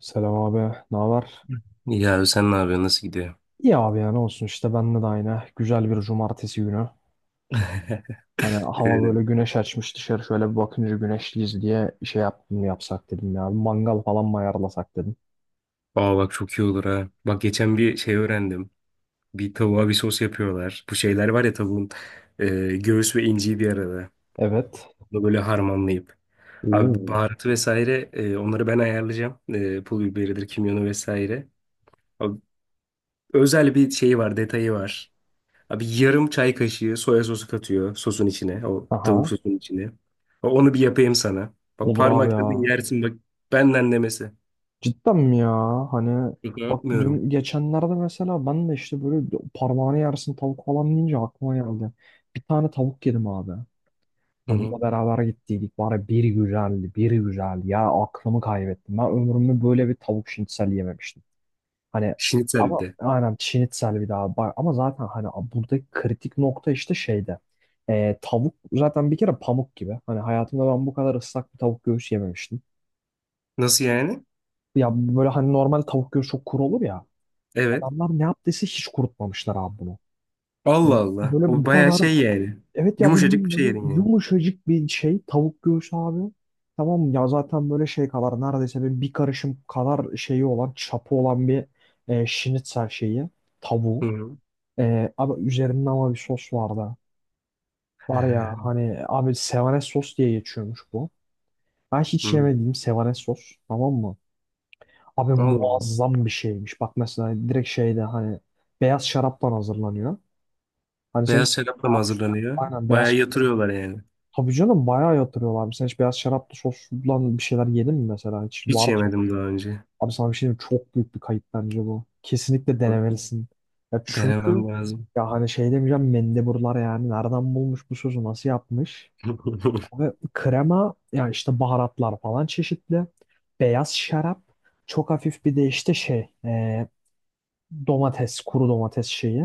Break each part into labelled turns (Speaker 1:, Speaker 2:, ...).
Speaker 1: Selam abi, ne haber?
Speaker 2: İyi abi sen ne yapıyorsun? Nasıl gidiyor?
Speaker 1: İyi abi ya ne olsun işte bende de aynı. Güzel bir cumartesi günü. Hani hava böyle
Speaker 2: Ee,
Speaker 1: güneş açmış dışarı şöyle bir bakınca güneşliyiz diye şey yaptım yapsak dedim ya. Bir mangal falan mı ayarlasak dedim.
Speaker 2: Aa bak çok iyi olur ha. Bak geçen bir şey öğrendim. Bir tavuğa bir sos yapıyorlar. Bu şeyler var ya tavuğun e, göğüs ve inciği bir arada.
Speaker 1: Evet.
Speaker 2: Bunu böyle harmanlayıp. Abi
Speaker 1: Oo.
Speaker 2: baharatı vesaire onları ben ayarlayacağım. E, pul biberidir, kimyonu vesaire. Abi, özel bir şeyi var, detayı var. Abi yarım çay kaşığı soya sosu katıyor sosun içine. O
Speaker 1: Aha.
Speaker 2: tavuk sosunun içine. Onu bir yapayım sana. Bak
Speaker 1: Olur abi
Speaker 2: parmakla bir
Speaker 1: ya.
Speaker 2: yersin bak benden demesi.
Speaker 1: Cidden mi ya? Hani
Speaker 2: Şaka
Speaker 1: bak
Speaker 2: yapmıyorum.
Speaker 1: dün geçenlerde mesela ben de işte böyle parmağını yersin tavuk falan deyince aklıma geldi. Bir tane tavuk yedim abi.
Speaker 2: Hı hı.
Speaker 1: Hanımla beraber gittiydik. Bari bir güzeldi, bir güzel. Ya aklımı kaybettim. Ben ömrümde böyle bir tavuk şinitsel yememiştim. Hani
Speaker 2: Şnitzel bir
Speaker 1: ama
Speaker 2: de.
Speaker 1: aynen şinitsel bir daha. Bak, ama zaten hani buradaki kritik nokta işte şeyde. Tavuk zaten bir kere pamuk gibi. Hani hayatımda ben bu kadar ıslak bir tavuk göğüs yememiştim.
Speaker 2: Nasıl yani?
Speaker 1: Ya böyle hani normal tavuk göğsü çok kuru olur ya.
Speaker 2: Evet.
Speaker 1: Adamlar ne yaptıysa hiç kurutmamışlar abi bunu.
Speaker 2: Allah
Speaker 1: Hani
Speaker 2: Allah.
Speaker 1: böyle
Speaker 2: O
Speaker 1: bu
Speaker 2: bayağı
Speaker 1: kadar
Speaker 2: şey yani.
Speaker 1: evet ya
Speaker 2: Yumuşacık bir
Speaker 1: bildiğin
Speaker 2: şey
Speaker 1: böyle
Speaker 2: yedin yani.
Speaker 1: yumuşacık bir şey tavuk göğsü abi. Tamam mı? Ya zaten böyle şey kadar neredeyse böyle bir karışım kadar şeyi olan çapı olan bir şinitzel şeyi tavuğu.
Speaker 2: Hı hı.
Speaker 1: Abi üzerinde ama bir sos vardı. Var ya hani abi sevanes sos diye geçiyormuş bu. Ben hiç
Speaker 2: Hı.
Speaker 1: yemediğim sevanes sos tamam mı? Abi
Speaker 2: Allah Allah.
Speaker 1: muazzam bir şeymiş. Bak mesela direkt şeyde hani beyaz şaraptan hazırlanıyor. Hani sen hiç
Speaker 2: Beyaz şarapla mı
Speaker 1: beyaz şarap,
Speaker 2: hazırlanıyor?
Speaker 1: aynen beyaz.
Speaker 2: Bayağı yatırıyorlar yani.
Speaker 1: Tabii canım bayağı yatırıyorlar abi. Sen hiç beyaz şaraplı soslan bir şeyler yedin mi mesela? Hiç var
Speaker 2: Hiç
Speaker 1: mı?
Speaker 2: yemedim daha önce.
Speaker 1: Abi sana bir şey diyeyim mi? Çok büyük bir kayıp bence bu. Kesinlikle denemelisin. Ya çünkü
Speaker 2: Denemem lazım.
Speaker 1: ya hani şey demeyeceğim mendeburlar yani. Nereden bulmuş bu sosu? Nasıl yapmış? Ve krema ya işte baharatlar falan çeşitli. Beyaz şarap. Çok hafif bir de işte şey domates, kuru domates şeyi.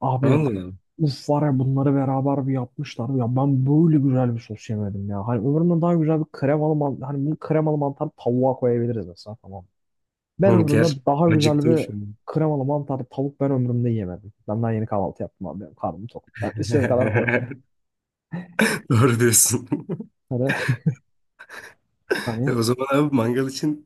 Speaker 1: Abi
Speaker 2: Allah Allah.
Speaker 1: uf var ya bunları beraber bir yapmışlar. Ya ben böyle güzel bir sos yemedim ya. Hani ömrümde daha güzel bir kremalı mantar. Hani bunu kremalı mantar tavuğa koyabiliriz mesela tamam. Ben
Speaker 2: Oğlum
Speaker 1: ömrümde
Speaker 2: gerçekten
Speaker 1: daha güzel
Speaker 2: acıktım
Speaker 1: bir
Speaker 2: şimdi.
Speaker 1: kremalı mantarlı tavuk ben ömrümde yemedim. Ben daha yeni kahvaltı yaptım abi. Benim karnım tok. Ben istediğim kadar konuşurum.
Speaker 2: Doğru diyorsun.
Speaker 1: Hani,
Speaker 2: E
Speaker 1: hani
Speaker 2: o zaman abi mangal için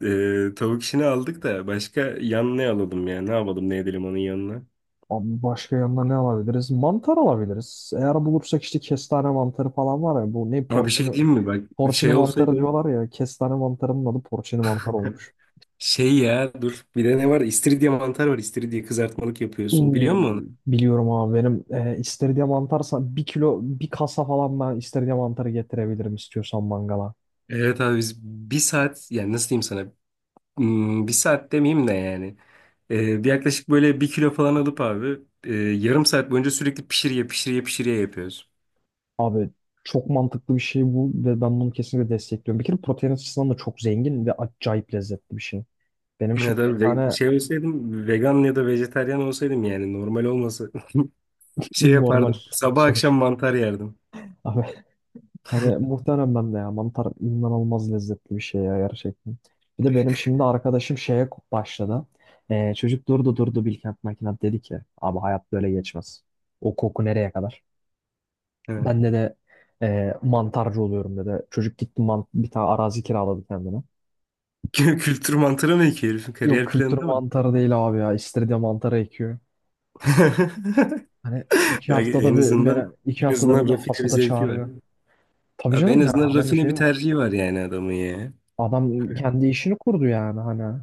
Speaker 2: tavuk işini aldık da başka yan ne alalım ya? Ne yapalım ne edelim onun yanına?
Speaker 1: abi başka yanına ne alabiliriz? Mantar alabiliriz. Eğer bulursak işte kestane mantarı falan var ya. Bu ne
Speaker 2: Ama bir şey
Speaker 1: porcini.
Speaker 2: diyeyim mi? Bak bir
Speaker 1: Porcini
Speaker 2: şey olsaydı
Speaker 1: mantarı diyorlar ya. Kestane mantarının adı porcini mantar olmuş.
Speaker 2: şey ya dur bir de ne var? İstiridye mantar var. İstiridye kızartmalık yapıyorsun. Biliyor
Speaker 1: Oo,
Speaker 2: musun onu?
Speaker 1: biliyorum abi benim istiridye mantarsa bir kilo bir kasa falan ben istiridye mantarı getirebilirim istiyorsan mangala.
Speaker 2: Evet abi biz bir saat yani nasıl diyeyim sana? Bir saat demeyeyim de yani. Bir yaklaşık böyle bir kilo falan alıp abi yarım saat boyunca sürekli pişiriye yapıyoruz.
Speaker 1: Abi çok mantıklı bir şey bu ve ben bunu kesinlikle destekliyorum. Bir kere protein açısından da çok zengin ve acayip lezzetli bir şey. Benim
Speaker 2: Ya
Speaker 1: şimdi bir
Speaker 2: da
Speaker 1: tane
Speaker 2: şey olsaydım vegan ya da vejetaryen olsaydım yani normal olmasa şey
Speaker 1: normal
Speaker 2: yapardım. Sabah
Speaker 1: soru.
Speaker 2: akşam mantar yerdim.
Speaker 1: Abi hani muhtemelen ben de ya mantar inanılmaz lezzetli bir şey ya gerçekten. Bir de benim şimdi arkadaşım şeye başladı. Çocuk durdu durdu Bilkent Makinat dedi ki abi hayat böyle geçmez. O koku nereye kadar?
Speaker 2: He.
Speaker 1: Ben de mantarcı oluyorum dedi. Çocuk gitti bir tane arazi kiraladı kendine.
Speaker 2: Kültür mantarı mı ki herifin
Speaker 1: Yok
Speaker 2: kariyer
Speaker 1: kültür
Speaker 2: planında mı?
Speaker 1: mantarı değil abi ya. İstiridye mantarı ekiyor. Hani iki
Speaker 2: Yani
Speaker 1: haftada
Speaker 2: en
Speaker 1: bir
Speaker 2: azından
Speaker 1: beni iki
Speaker 2: en
Speaker 1: haftada bir
Speaker 2: azından
Speaker 1: de
Speaker 2: rafine bir
Speaker 1: hasata
Speaker 2: zevki var.
Speaker 1: çağırıyor. Tabii
Speaker 2: Abi en
Speaker 1: canım ya
Speaker 2: azından
Speaker 1: adam bir
Speaker 2: rafine bir
Speaker 1: şey var.
Speaker 2: tercihi var yani adamın ya.
Speaker 1: Adam kendi işini kurdu yani hani.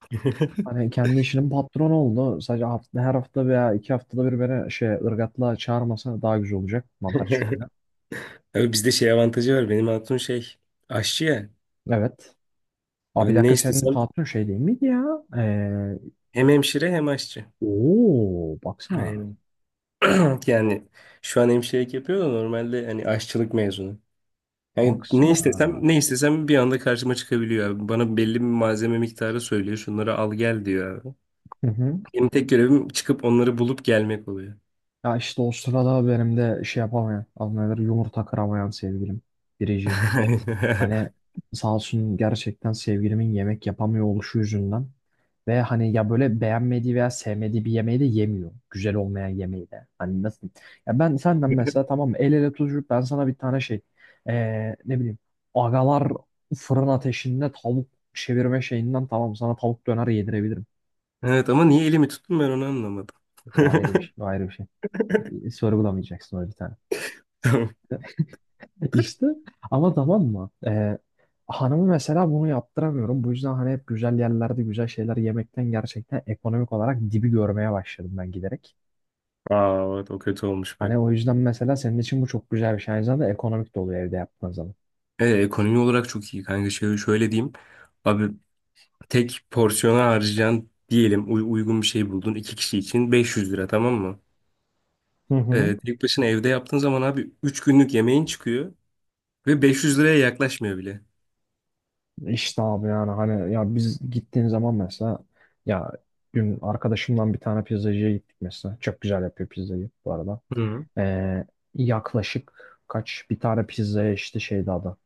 Speaker 1: Hani kendi işinin patronu oldu. Sadece her hafta veya iki haftada bir beni şey ırgatla çağırmasa daha güzel olacak mantar çiftliğine.
Speaker 2: Abi bizde şey avantajı var. Benim hatun şey aşçı ya.
Speaker 1: Evet. Abi bir
Speaker 2: Abi ne
Speaker 1: dakika senin
Speaker 2: istesem
Speaker 1: patron şey değil miydi ya? Ee,
Speaker 2: hem hemşire hem aşçı.
Speaker 1: ooo baksana.
Speaker 2: Yani, yani şu an hemşirelik yapıyor da normalde hani aşçılık mezunu. Yani ne istesem
Speaker 1: Baksana.
Speaker 2: ne istesem bir anda karşıma çıkabiliyor abi. Bana belli bir malzeme miktarı söylüyor. Şunları al gel diyor abi.
Speaker 1: Hı hı.
Speaker 2: Benim tek görevim çıkıp onları bulup gelmek oluyor.
Speaker 1: Ya işte o sırada benim de şey yapamayan, anlayılır yumurta kıramayan sevgilim. Biricim. Hani sağ olsun gerçekten sevgilimin yemek yapamıyor oluşu yüzünden. Ve hani ya böyle beğenmediği veya sevmediği bir yemeği de yemiyor. Güzel olmayan yemeği de. Hani nasıl diyeyim? Ya ben senden mesela tamam mı? El ele tutuşup ben sana bir tane şey ne bileyim agalar fırın ateşinde tavuk çevirme şeyinden tamam sana tavuk döner yedirebilirim.
Speaker 2: Evet ama niye elimi tuttum ben onu anlamadım.
Speaker 1: O ayrı bir şey. O ayrı bir şey. Sorgulamayacaksın öyle bir tane.
Speaker 2: Tamam.
Speaker 1: İşte ama tamam mı? Hanımı mesela bunu yaptıramıyorum. Bu yüzden hani hep güzel yerlerde güzel şeyler yemekten gerçekten ekonomik olarak dibi görmeye başladım ben giderek.
Speaker 2: Aa evet o kötü olmuş bak.
Speaker 1: Hani o yüzden mesela senin için bu çok güzel bir şey. Aynı zamanda ekonomik de oluyor evde yaptığın zaman.
Speaker 2: Ekonomi olarak çok iyi kanka. Şöyle, şöyle diyeyim. Abi tek porsiyona harcayacaksın diyelim uygun bir şey buldun. İki kişi için 500 lira tamam mı?
Speaker 1: Hı hı.
Speaker 2: Tek başına evde yaptığın zaman abi 3 günlük yemeğin çıkıyor ve 500 liraya yaklaşmıyor bile.
Speaker 1: İşte abi yani hani ya biz gittiğin zaman mesela ya dün arkadaşımdan bir tane pizzacıya gittik mesela. Çok güzel yapıyor pizzayı bu arada.
Speaker 2: Hı.
Speaker 1: Ee, yaklaşık kaç bir tane pizzaya işte şeydi adı.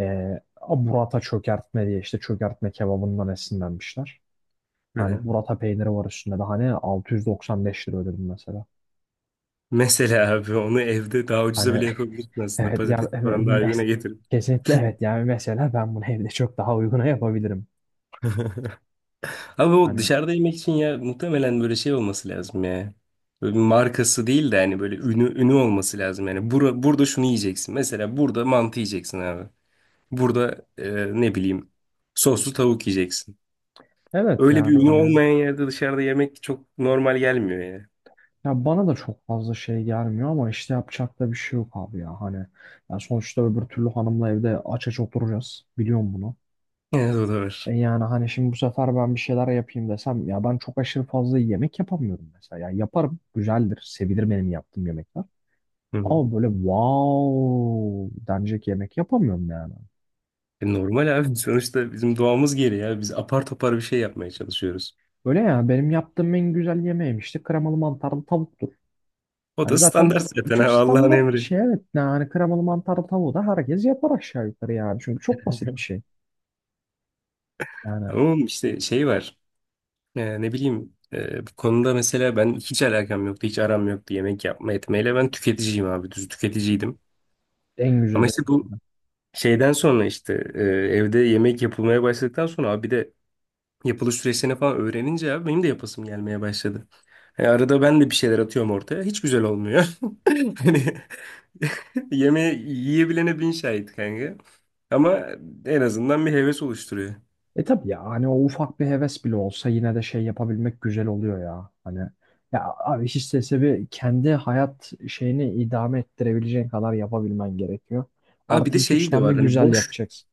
Speaker 1: Ee, burrata çökertme diye işte çökertme kebabından esinlenmişler.
Speaker 2: Hı.
Speaker 1: Hani
Speaker 2: Hı.
Speaker 1: burrata peyniri var üstünde de hani 695 lira ödedim mesela.
Speaker 2: Mesela abi onu evde daha ucuza
Speaker 1: Hani
Speaker 2: bile yapabilirsin aslında.
Speaker 1: evet yani
Speaker 2: Patatesi falan daha uyguna.
Speaker 1: kesinlikle evet yani mesela ben bunu evde çok daha uyguna yapabilirim.
Speaker 2: Abi o
Speaker 1: Hani
Speaker 2: dışarıda yemek için ya muhtemelen böyle şey olması lazım ya. Böyle bir markası değil de hani böyle ünü olması lazım yani. Burada şunu yiyeceksin. Mesela burada mantı yiyeceksin abi. Burada ne bileyim soslu tavuk yiyeceksin.
Speaker 1: evet
Speaker 2: Öyle bir
Speaker 1: yani
Speaker 2: ünü
Speaker 1: hani
Speaker 2: olmayan yerde dışarıda yemek çok normal gelmiyor ya.
Speaker 1: ya bana da çok fazla şey gelmiyor ama işte yapacak da bir şey yok abi ya hani ya sonuçta öbür türlü hanımla evde aç aç oturacağız biliyorum bunu.
Speaker 2: Evet o da
Speaker 1: E
Speaker 2: var.
Speaker 1: yani hani şimdi bu sefer ben bir şeyler yapayım desem ya ben çok aşırı fazla yemek yapamıyorum mesela. Ya yaparım güzeldir sevilir benim yaptığım yemekler
Speaker 2: Hı hı.
Speaker 1: ama böyle wow denecek yemek yapamıyorum yani.
Speaker 2: E, normal abi sonuçta bizim doğamız gereği ya. Biz apar topar bir şey yapmaya çalışıyoruz.
Speaker 1: Öyle ya benim yaptığım en güzel yemeğim işte kremalı mantarlı tavuktur.
Speaker 2: O da
Speaker 1: Hani zaten
Speaker 2: standart zaten
Speaker 1: çok
Speaker 2: abi Allah'ın
Speaker 1: standart bir
Speaker 2: emri.
Speaker 1: şey evet. Yani kremalı mantarlı tavuğu da herkes yapar aşağı yukarı yani. Çünkü çok basit bir şey. Yani
Speaker 2: Ama işte şey var. Ne bileyim bu konuda mesela ben hiç alakam yoktu, hiç aram yoktu yemek yapma etmeyle. Ben tüketiciyim abi, düz tüketiciydim.
Speaker 1: en
Speaker 2: Ama
Speaker 1: güzeli en
Speaker 2: işte bu
Speaker 1: güzeli.
Speaker 2: şeyden sonra işte evde yemek yapılmaya başladıktan sonra abi bir de yapılış süreçlerini falan öğrenince abi benim de yapasım gelmeye başladı. Yani arada ben de bir şeyler atıyorum ortaya. Hiç güzel olmuyor. Hani yemeği yiyebilene bin şahit kanka. Ama en azından bir heves oluşturuyor.
Speaker 1: E tabii ya hani o ufak bir heves bile olsa yine de şey yapabilmek güzel oluyor ya. Hani ya abi hiç istese bir kendi hayat şeyini idame ettirebileceğin kadar yapabilmen gerekiyor.
Speaker 2: Abi bir
Speaker 1: Artı
Speaker 2: de
Speaker 1: iki üç
Speaker 2: şeyi de
Speaker 1: tane de
Speaker 2: var. Hani
Speaker 1: güzel
Speaker 2: boş.
Speaker 1: yapacaksın.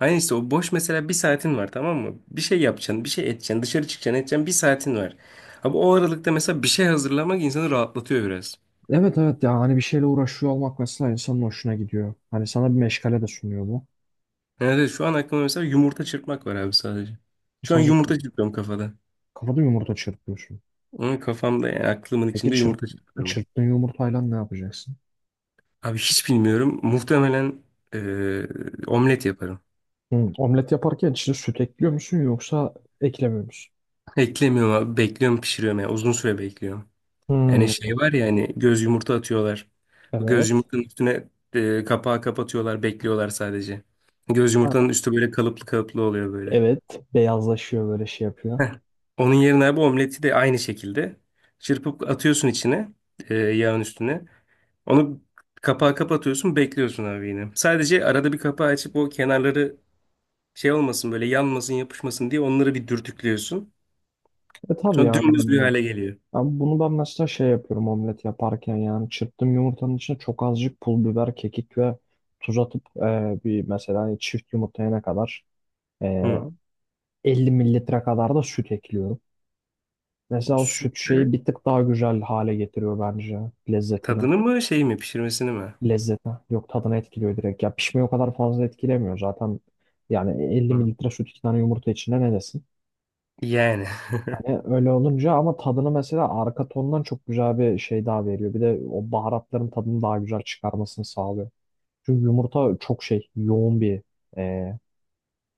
Speaker 2: Aynen işte o boş mesela bir saatin var tamam mı? Bir şey yapacaksın, bir şey edeceksin, dışarı çıkacaksın, edeceksin bir saatin var. Abi o aralıkta mesela bir şey hazırlamak insanı rahatlatıyor biraz.
Speaker 1: Evet evet ya hani bir şeyle uğraşıyor olmak mesela insanın hoşuna gidiyor. Hani sana bir meşgale de sunuyor bu.
Speaker 2: Yani evet, şu an aklımda mesela yumurta çırpmak var abi sadece. Şu an
Speaker 1: Sadece
Speaker 2: yumurta çırpıyorum kafada.
Speaker 1: kafada yumurta çırpıyorsun.
Speaker 2: Onun kafamda yani aklımın
Speaker 1: Peki
Speaker 2: içinde yumurta çırpıyorum.
Speaker 1: çırptığın yumurtayla ne yapacaksın?
Speaker 2: Abi hiç bilmiyorum. Muhtemelen eee, omlet yaparım.
Speaker 1: Hmm. Omlet yaparken içine süt ekliyor musun yoksa eklemiyor musun?
Speaker 2: Eklemiyorum abi. Bekliyorum pişiriyorum yani. Uzun süre bekliyorum. Yani
Speaker 1: Hmm,
Speaker 2: şey var ya hani göz yumurta atıyorlar. Bu
Speaker 1: evet.
Speaker 2: göz yumurtanın üstüne kapağı kapatıyorlar, bekliyorlar sadece. Göz
Speaker 1: Ha,
Speaker 2: yumurtanın üstü böyle kalıplı kalıplı oluyor böyle.
Speaker 1: evet. Beyazlaşıyor böyle şey yapıyor.
Speaker 2: Heh. Onun yerine abi omleti de aynı şekilde çırpıp atıyorsun içine, yağın üstüne. Onu kapağı kapatıyorsun, bekliyorsun abi yine. Sadece arada bir kapağı açıp o kenarları şey olmasın böyle yanmasın, yapışmasın diye onları bir dürtüklüyorsun.
Speaker 1: E tabii
Speaker 2: Sonra
Speaker 1: yani
Speaker 2: dümdüz
Speaker 1: hani
Speaker 2: bir
Speaker 1: ya.
Speaker 2: hale geliyor.
Speaker 1: Ama bunu ben mesela şey yapıyorum omlet yaparken yani çırptığım yumurtanın içine çok azıcık pul biber, kekik ve tuz atıp bir mesela hani çift yumurtayana kadar
Speaker 2: Hı.
Speaker 1: 50 mililitre kadar da süt ekliyorum.
Speaker 2: O
Speaker 1: Mesela o süt şeyi
Speaker 2: sütle
Speaker 1: bir tık daha güzel hale getiriyor bence lezzetini.
Speaker 2: tadını mı şey mi pişirmesini mi?
Speaker 1: Lezzetine. Yok tadını etkiliyor direkt. Ya pişmeyi o kadar fazla etkilemiyor zaten. Yani 50
Speaker 2: Hı.
Speaker 1: mililitre süt iki tane yumurta içinde ne desin?
Speaker 2: Yani
Speaker 1: Hani öyle olunca ama tadını mesela arka tondan çok güzel bir şey daha veriyor. Bir de o baharatların tadını daha güzel çıkarmasını sağlıyor. Çünkü yumurta çok şey yoğun bir e,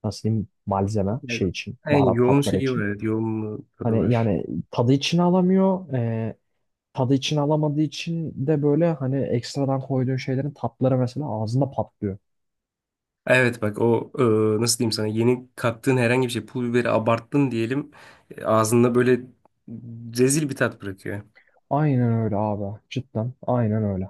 Speaker 1: nasıl diyeyim malzeme
Speaker 2: Evet.
Speaker 1: şey için
Speaker 2: En
Speaker 1: baharat
Speaker 2: yoğun
Speaker 1: tatları
Speaker 2: şeyi var.
Speaker 1: için.
Speaker 2: Evet, yoğun tadı
Speaker 1: Hani
Speaker 2: var.
Speaker 1: yani tadı içine alamıyor. Tadı içine alamadığı için de böyle hani ekstradan koyduğun şeylerin tatları mesela ağzında patlıyor.
Speaker 2: Evet bak o nasıl diyeyim sana yeni kattığın herhangi bir şey pul biberi abarttın diyelim ağzında böyle rezil bir tat bırakıyor.
Speaker 1: Aynen öyle abi. Cidden aynen öyle.